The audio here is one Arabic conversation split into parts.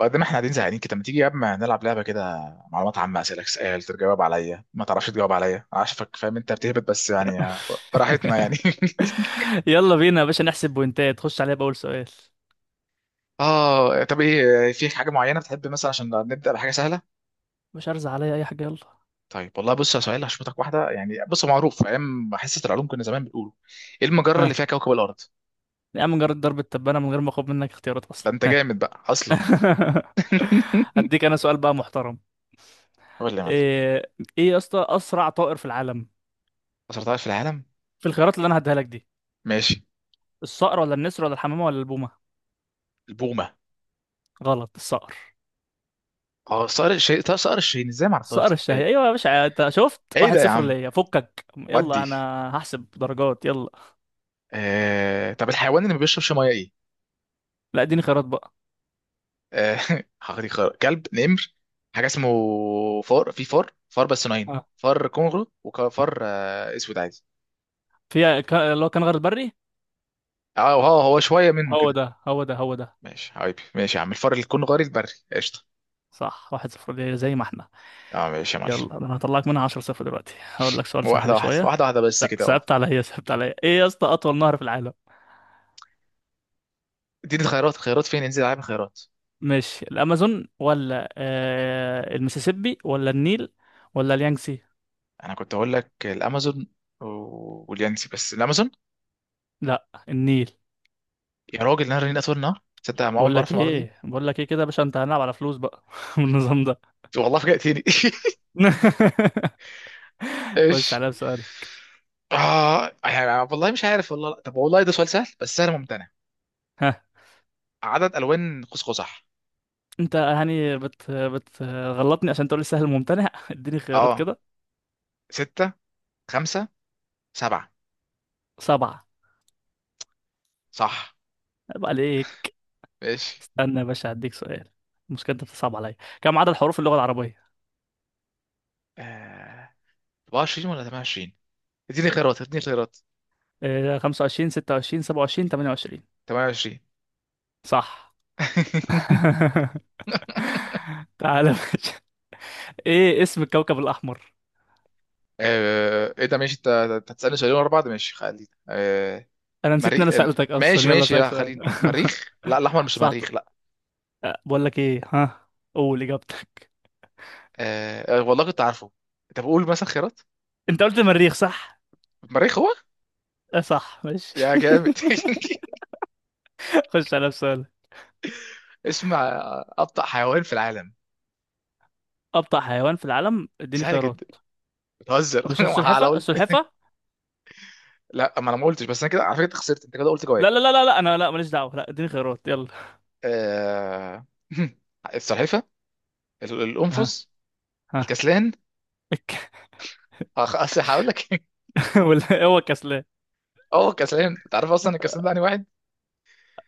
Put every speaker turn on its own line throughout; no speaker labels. بعد ما احنا قاعدين زهقانين كده، ما تيجي يا اما نلعب لعبه كده؟ معلومات عامه، اسالك سؤال تجاوب عليا، ما تعرفش تجاوب عليا. عارفك فاهم انت بتهبط، بس براحتنا
يلا بينا يا باشا، نحسب بوينتات. خش عليا بأول سؤال.
اه، طب ايه؟ في حاجه معينه بتحب مثلا عشان نبدا بحاجه سهله؟
مش هرزع عليا أي حاجة، يلا.
طيب، والله بص، يا سؤال هشوفك واحده. بص، هو معروف. في ايام حصه العلوم كنا زمان بنقوله، ايه المجره
ها،
اللي فيها كوكب الارض؟
يا عم جرد ضرب التبانة من غير ما أخد منك اختيارات
ده
أصلا.
انت
ها.
جامد بقى اصلا.
هديك أنا سؤال بقى محترم.
قول لي يا معلم.
إيه إيه يا اسطى، أسرع طائر في العالم؟
أسرع طائر في العالم؟
في الخيارات اللي أنا هديها لك دي.
ماشي.
الصقر ولا النسر ولا الحمامة ولا البومة؟
البومة.
غلط، الصقر.
اه، صقر الشاهين. طب صقر الشاهين ازاي ما عرفتهاش
الصقر
دي؟
الشهي.
ايه؟
أيوة يا باشا، أنت شفت،
ايه
واحد
ده يا
صفر
عم؟
ليا، فكك، يلا
ودي.
أنا هحسب درجات. يلا.
طب الحيوان اللي ما بيشربش ميه ايه؟
لا، اديني خيارات بقى.
آه... حقيقي كلب، نمر، حاجه اسمه. فار. في فار، فار، بس نوعين:
آه.
فار كونغرو وفار اسود عادي.
اللي هو كان غير البري.
اه، هو هو شويه منه
هو
كده.
ده، هو ده، هو ده.
ماشي حبيبي، ماشي يا عم. الفار الكونغري البري، قشطه.
صح، واحد صفر ليه زي ما احنا.
اه ماشي يا معلم.
يلا انا هطلعك منها 10 صفر دلوقتي. هقول لك سؤال
واحده
سهل
واحده
شويه.
واحده واحده بس كده، اه.
صعبت عليا، ايه يا اسطى، اطول نهر في العالم؟
اديني الخيارات، الخيارات فين؟ انزل العب الخيارات.
مش الامازون ولا المسيسيبي ولا النيل ولا اليانجسي؟
انا كنت اقول لك الامازون واليانسي، بس الامازون.
لا، النيل.
يا راجل، نهر النيل اطول نهر؟ تصدق انا اول مره اعرف المعلومه دي.
بقول لك ايه كده يا باشا، انت هنلعب على فلوس بقى من النظام ده.
والله فاجأتني.
خش
ايش؟
عليا بسؤالك.
اه والله مش عارف، والله لا. طب والله ده سؤال سهل، بس سهل ممتنع.
ها.
عدد الوان قوس قزح؟
انت يعني بتغلطني عشان تقول لي سهل ممتنع؟ اديني خيارات
اه،
كده.
ستة، خمسة، سبعة.
سبعة.
صح.
عيب عليك.
ماشي.
استنى يا باشا، هديك سؤال. المشكلة انت بتصعب عليا. كم عدد حروف اللغة العربية؟
آه، 24 ولا 28؟ اديني خيارات، اديني خيارات.
25 26 27 28؟
28.
صح. تعالى يا باشا. ايه اسم الكوكب الأحمر؟
آه، ايه ده ماشي؟ انت أنت هتسألني سؤالين ورا بعض؟ ماشي خلينا. آه،
أنا نسيت إن
مريخ.
أنا
آه،
سألتك
ماشي
أصلا، يلا
ماشي،
أسألك
لا
سؤال.
خلينا، مريخ، لا، الاحمر، مش
صح.
مريخ؟ لا.
بقول لك ايه، ها. قول إجابتك.
آه آه، والله كنت عارفه. طب قول مثلا خيارات.
أنت قلت المريخ صح؟
مريخ هو.
آه صح، ماشي.
يا جامد.
خش على السؤال.
اسم ابطأ حيوان في العالم.
أبطأ حيوان في العالم؟ اديني
سهله جدا.
خيارات.
بتهزر.
مش
ما انا
السلحفة،
قلت
السلحفة.
لا، ما انا ما قلتش، بس انا كده على فكره أنت خسرت، انت كده قلت جواب.
لا، لا، لا، لا، لا، أنا لا، ماليش دعوة، لا، اديني خيارات، يلا.
آه... السلحفه.
ها.
القنفذ.
ها.
الكسلان. اصل هقول لك.
ولا هو كسلان.
اه، كسلان. انت عارف اصلا الكسلان ده واحد.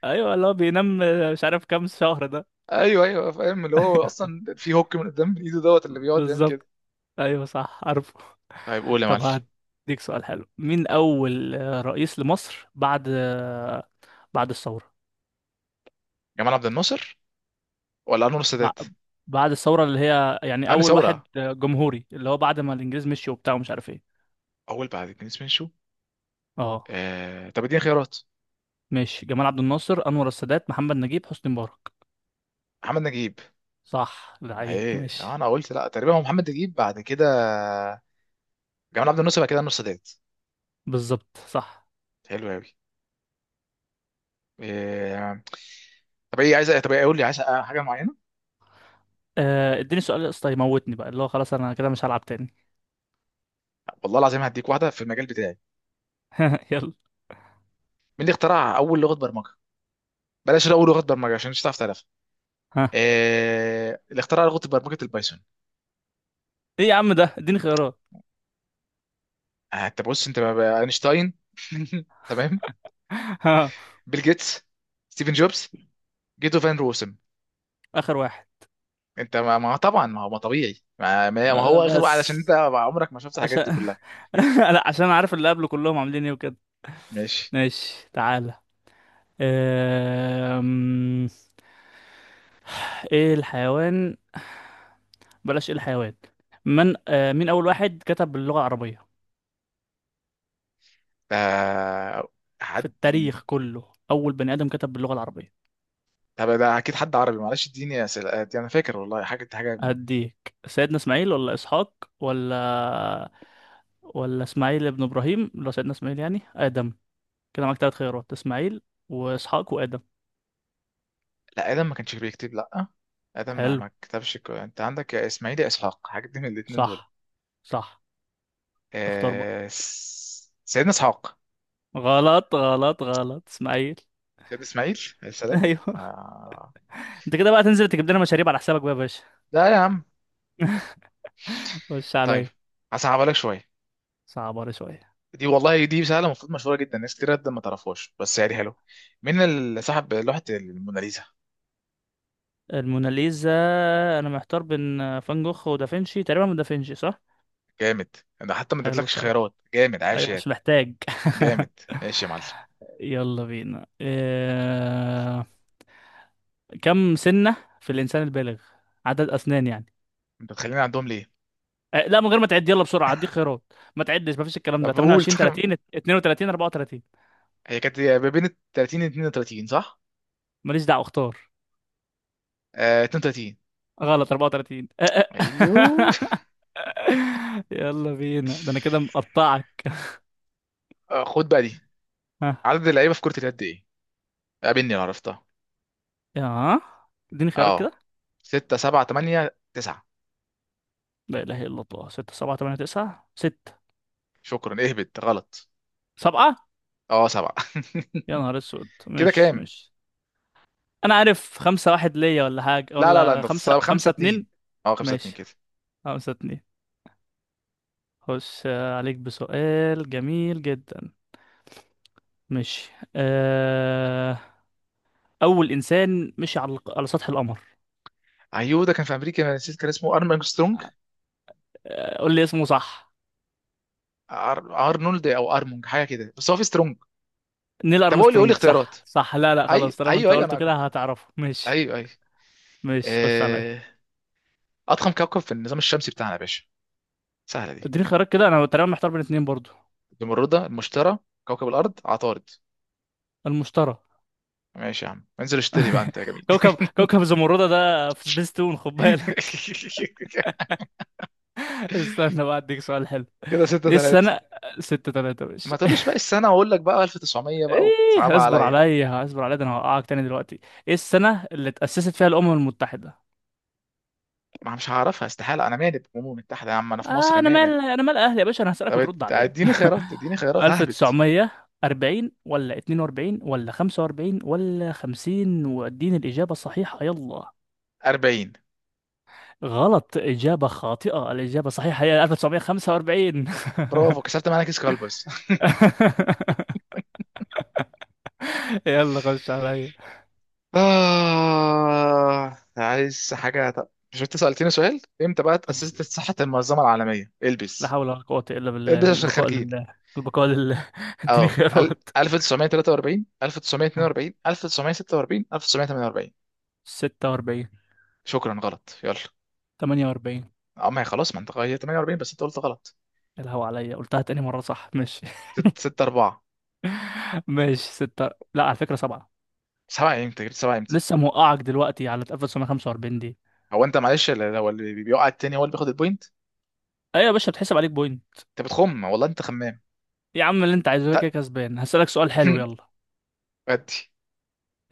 ايوه، اللي هو بينام مش عارف كام شهر ده.
ايوه ايوه فاهم، اللي هو اصلا في هوك من قدام ايده دوت، اللي بيقعد يعمل كده.
بالظبط. ايوه، صح، عارفه.
طيب قول يا معلم.
طب هديك سؤال حلو. مين اول رئيس لمصر بعد بعد الثوره.
جمال عبد الناصر ولا انور السادات؟
بع- بعد الثوره اللي هي يعني
انا
اول واحد
ثوره،
جمهوري، اللي هو بعد ما الانجليز مشي وبتاع ومش عارف ايه.
اول بعد اتنين سمين شو.
اه
طب اديني خيارات.
ماشي. جمال عبد الناصر، انور السادات، محمد نجيب، حسني مبارك؟
محمد نجيب.
صح، لعيب
ايه آه،
ماشي.
انا قلت لا، تقريبا هو محمد نجيب، بعد كده جمال عبد الناصر، بعد كده النص ديت.
بالظبط، صح.
حلو قوي. إيه... طب ايه عايز، طب ايه؟ قول لي عايز حاجه معينه.
اديني سؤال يا اسطى يموتني بقى، اللي هو خلاص انا كده مش هلعب تاني.
والله العظيم هديك واحده في المجال بتاعي.
يلا.
مين اللي اخترع اول لغه برمجه؟ بلاش اقول لغه برمجه عشان مش هتعرف تعرفها.
ها،
اللي اخترع لغه برمجه البايثون.
ايه يا عم ده؟ اديني خيارات.
آه، انت بص، اينشتاين. تمام.
ها.
بيل جيتس. ستيفن جوبز. جيتو فان روسم.
اخر واحد.
انت طبعا ما هو ما طبيعي، ما
أه،
هو اخر واحد عشان
بس
انت عمرك ما شفت الحاجات دي
عشان
كلها.
لا، عشان عارف اللي قبله كلهم عاملين ايه وكده.
ماشي.
ماشي. تعالى. أم... ايه الحيوان، بلاش ايه الحيوان. من أه مين اول واحد كتب باللغة العربية،
آه،
في
حد.
التاريخ كله، اول بني ادم كتب باللغة العربية؟
طب ده اكيد حد عربي، معلش اديني اسئله. آه، دي انا فاكر والله حاجه دي حاجه.
هديك سيدنا اسماعيل ولا اسحاق، ولا اسماعيل ابن ابراهيم، ولا سيدنا اسماعيل، يعني ادم. كده معاك تلات خيارات، اسماعيل واسحاق وادم.
لا ادم ما كانش بيكتب، لا، ادم ما,
حلو.
ما كتبش. انت عندك يا اسماعيل يا اسحاق حاجه دي، من الاثنين دول.
صح، صح. اختار بقى.
آه سيدنا اسحاق.
غلط، غلط، غلط، اسماعيل.
سيدنا اسماعيل عليه السلام.
ايوه.
آه.
انت كده بقى تنزل تجيب لنا مشاريب على حسابك بقى يا باشا.
لا يا عم.
خش
طيب
عليا.
هصعبها لك شويه.
صعبة شوية.
دي والله دي سهله، المفروض مشهوره جدا، ناس كتير جدا ما تعرفهاش، بس حلو. مين اللي صاحب لوحه الموناليزا؟
الموناليزا. انا محتار بين فان جوخ ودافنشي، تقريبا من دافنشي، صح.
جامد. ده حتى ما
حلو
ادتلكش
الكلام.
خيارات. جامد، عاش
ايوه،
يا
مش محتاج.
جامد. ماشي يا معلم.
يلا بينا. كم سنة في الانسان البالغ، عدد اسنان يعني.
انت بتخليني عندهم ليه؟
لا، من غير ما تعد، يلا بسرعه، هديك خيارات، ما تعدش، ما فيش الكلام ده.
طب قول.
28
طب
30 32 34؟
هي كانت ما بين 30 و 32، صح؟
ماليش دعوه، اختار.
آه، 32.
غلط، 34.
ايوه.
يلا بينا، ده انا كده مقطعك.
آه، خد بقى دي.
ها.
عدد اللعيبه في كره اليد ايه؟ قابلني لو عرفتها.
يا اديني خيارات
اه،
كده.
6، 7، 8، 9.
لا اله الا الله، 6 7 8 9. 6
شكرا، اهبط غلط.
7؟
اه 7.
يا نهار اسود،
كده
ماشي،
كام؟
ماشي. انا عارف 5 1 ليا، ولا حاجه،
لا لا لا،
ولا
انت،
5
5
5
2.
2.
اه 5 2
ماشي
كده.
5 2. خش عليك بسؤال جميل جدا. ماشي. اول انسان مشي على سطح القمر.
ايوه ده كان في امريكا. أنا نسيت، كان اسمه ارمنج سترونج.
قول لي اسمه، صح.
أر... ارنولد او ارمونج، حاجه كده، بس هو في سترونج.
نيل
طب قول لي، قول لي
ارمسترونج،
اختيارات.
صح، صح. لا، لا، خلاص
ايوه
طالما
ايوه
انت
ايوه
قلته
انا
كده
كنت،
هتعرفه، ماشي.
ايوه ايوه.
ماشي، خش عليا.
آه، اضخم كوكب في النظام الشمسي بتاعنا يا باشا. سهله دي.
اديني خيارات كده، انا تقريبا محتار بين اتنين برضو.
المشتري، المشتري، كوكب الارض، عطارد.
المشتري.
ماشي يا عم، انزل اشتري بقى انت يا جميل.
كوكب زمردة ده في سبيس تون، خد بالك. استنى بقى اديك سؤال حلو.
كده ستة
ايه
تلاتة.
السنة؟ ستة تلاتة،
ما
ماشي.
تقولوش بقى السنة وأقول لك بقى 1900 بقى
ايه،
وتصعبها
اصبر
عليا.
عليا، اصبر عليا، ده انا هوقعك تاني دلوقتي. ايه السنة اللي اتأسست فيها الأمم المتحدة؟
ما مش هعرفها استحالة، أنا مالي بالأمم المتحدة؟ يا عم أنا في مصر،
انا مال،
مالي.
انا مال اهلي يا باشا، انا هسألك
طب
وترد عليا.
اديني خيارات، اديني خيارات، ههبط.
1940 ولا 42 ولا 45 ولا 50؟ واديني الإجابة الصحيحة، يلا.
40.
غلط، إجابة خاطئة، الإجابة الصحيحة هي 1945.
برافو، كسرت معانا كيس كلبس.
يلا، خش عليا.
آه عايز حاجة؟ طب مش انت سألتني سؤال؟ امتى بقى اتأسست صحة المنظمة العالمية؟
لا
البس،
حول ولا قوة إلا بالله،
البس عشان
البقاء
خارجين.
لله، البقاء لله. اديني
اه
خيارات.
1943، 1942، 1946، 1948.
46
شكرا غلط. يلا.
48.
اما هي خلاص، ما انت غيرت 48، بس انت قلت غلط.
الهوا عليا، قلتها تاني مرة، صح، ماشي.
6 4.
ماشي ستة، لا على فكرة سبعة.
7؟ امتى جبت 7 امتى؟
لسه موقعك دلوقتي على اتقفل 145 دي.
هو انت معلش هو اللي بيقع التاني هو اللي بياخد البوينت.
ايوه يا باشا، بتحسب عليك بوينت.
انت بتخم والله، انت خمام.
يا عم اللي انت عايزه، كده كده
ت-
كسبان، هسألك سؤال حلو، يلا.
ادي.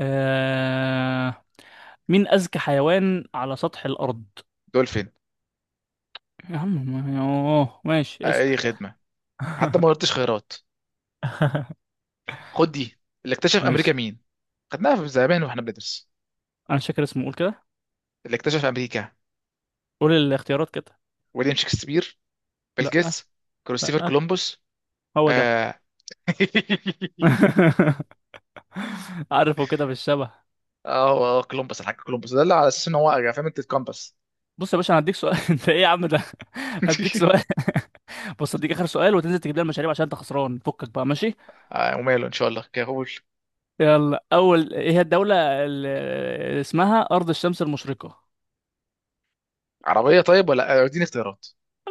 آه... مين أذكى حيوان على سطح الأرض؟
دول فين؟
يا عم. اوه ماشي،
آه،
اسأل.
اي خدمة. حتى ما قلتش خيرات. خد دي. اللي اكتشف امريكا
ماشي.
مين؟ خدناها في زمان واحنا بندرس.
انا مش فاكر اسمه، قول كده.
اللي اكتشف امريكا.
قول الاختيارات كده.
ويليام شكسبير، بيل
لا،
جيتس، كريستوفر
لا.
كولومبوس.
هو ده.
اه.
عارفه كده بالشبه.
اه آه، كولومبوس، الحاج كولومبوس ده، اللي على اساس ان هو فاهم، انت الكومباس.
بص يا باشا انا هديك سؤال. انت ايه يا عم ده؟ هديك سؤال. بص هديك اخر سؤال وتنزل تجيب لي المشاريب عشان انت خسران فكك بقى، ماشي.
آه وماله، ان شاء الله كهول.
يلا، اول ايه هي الدولة اللي اسمها ارض الشمس المشرقة؟
عربيه طيب، ولا آه، اديني اختيارات.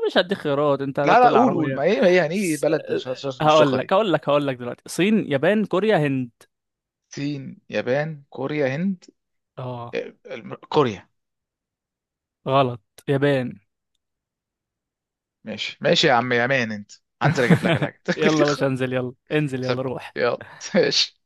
مش هديك خيارات، انت
لا لا،
هتقول لي
قول قول،
عربية.
ما ايه، ما ايه ايه
س-
بلد، مشتقه دي.
هقول لك دلوقتي، صين، يابان، كوريا، هند.
الصين، يابان، كوريا، هند.
اه.
آه، كوريا.
غلط، يابان.
ماشي ماشي يا عم، يا مان انت. هنزل اجيب لك الحاجه.
يلا يا باشا، انزل، يلا، انزل، يلا
طب،
روح.
يلا، ماشي.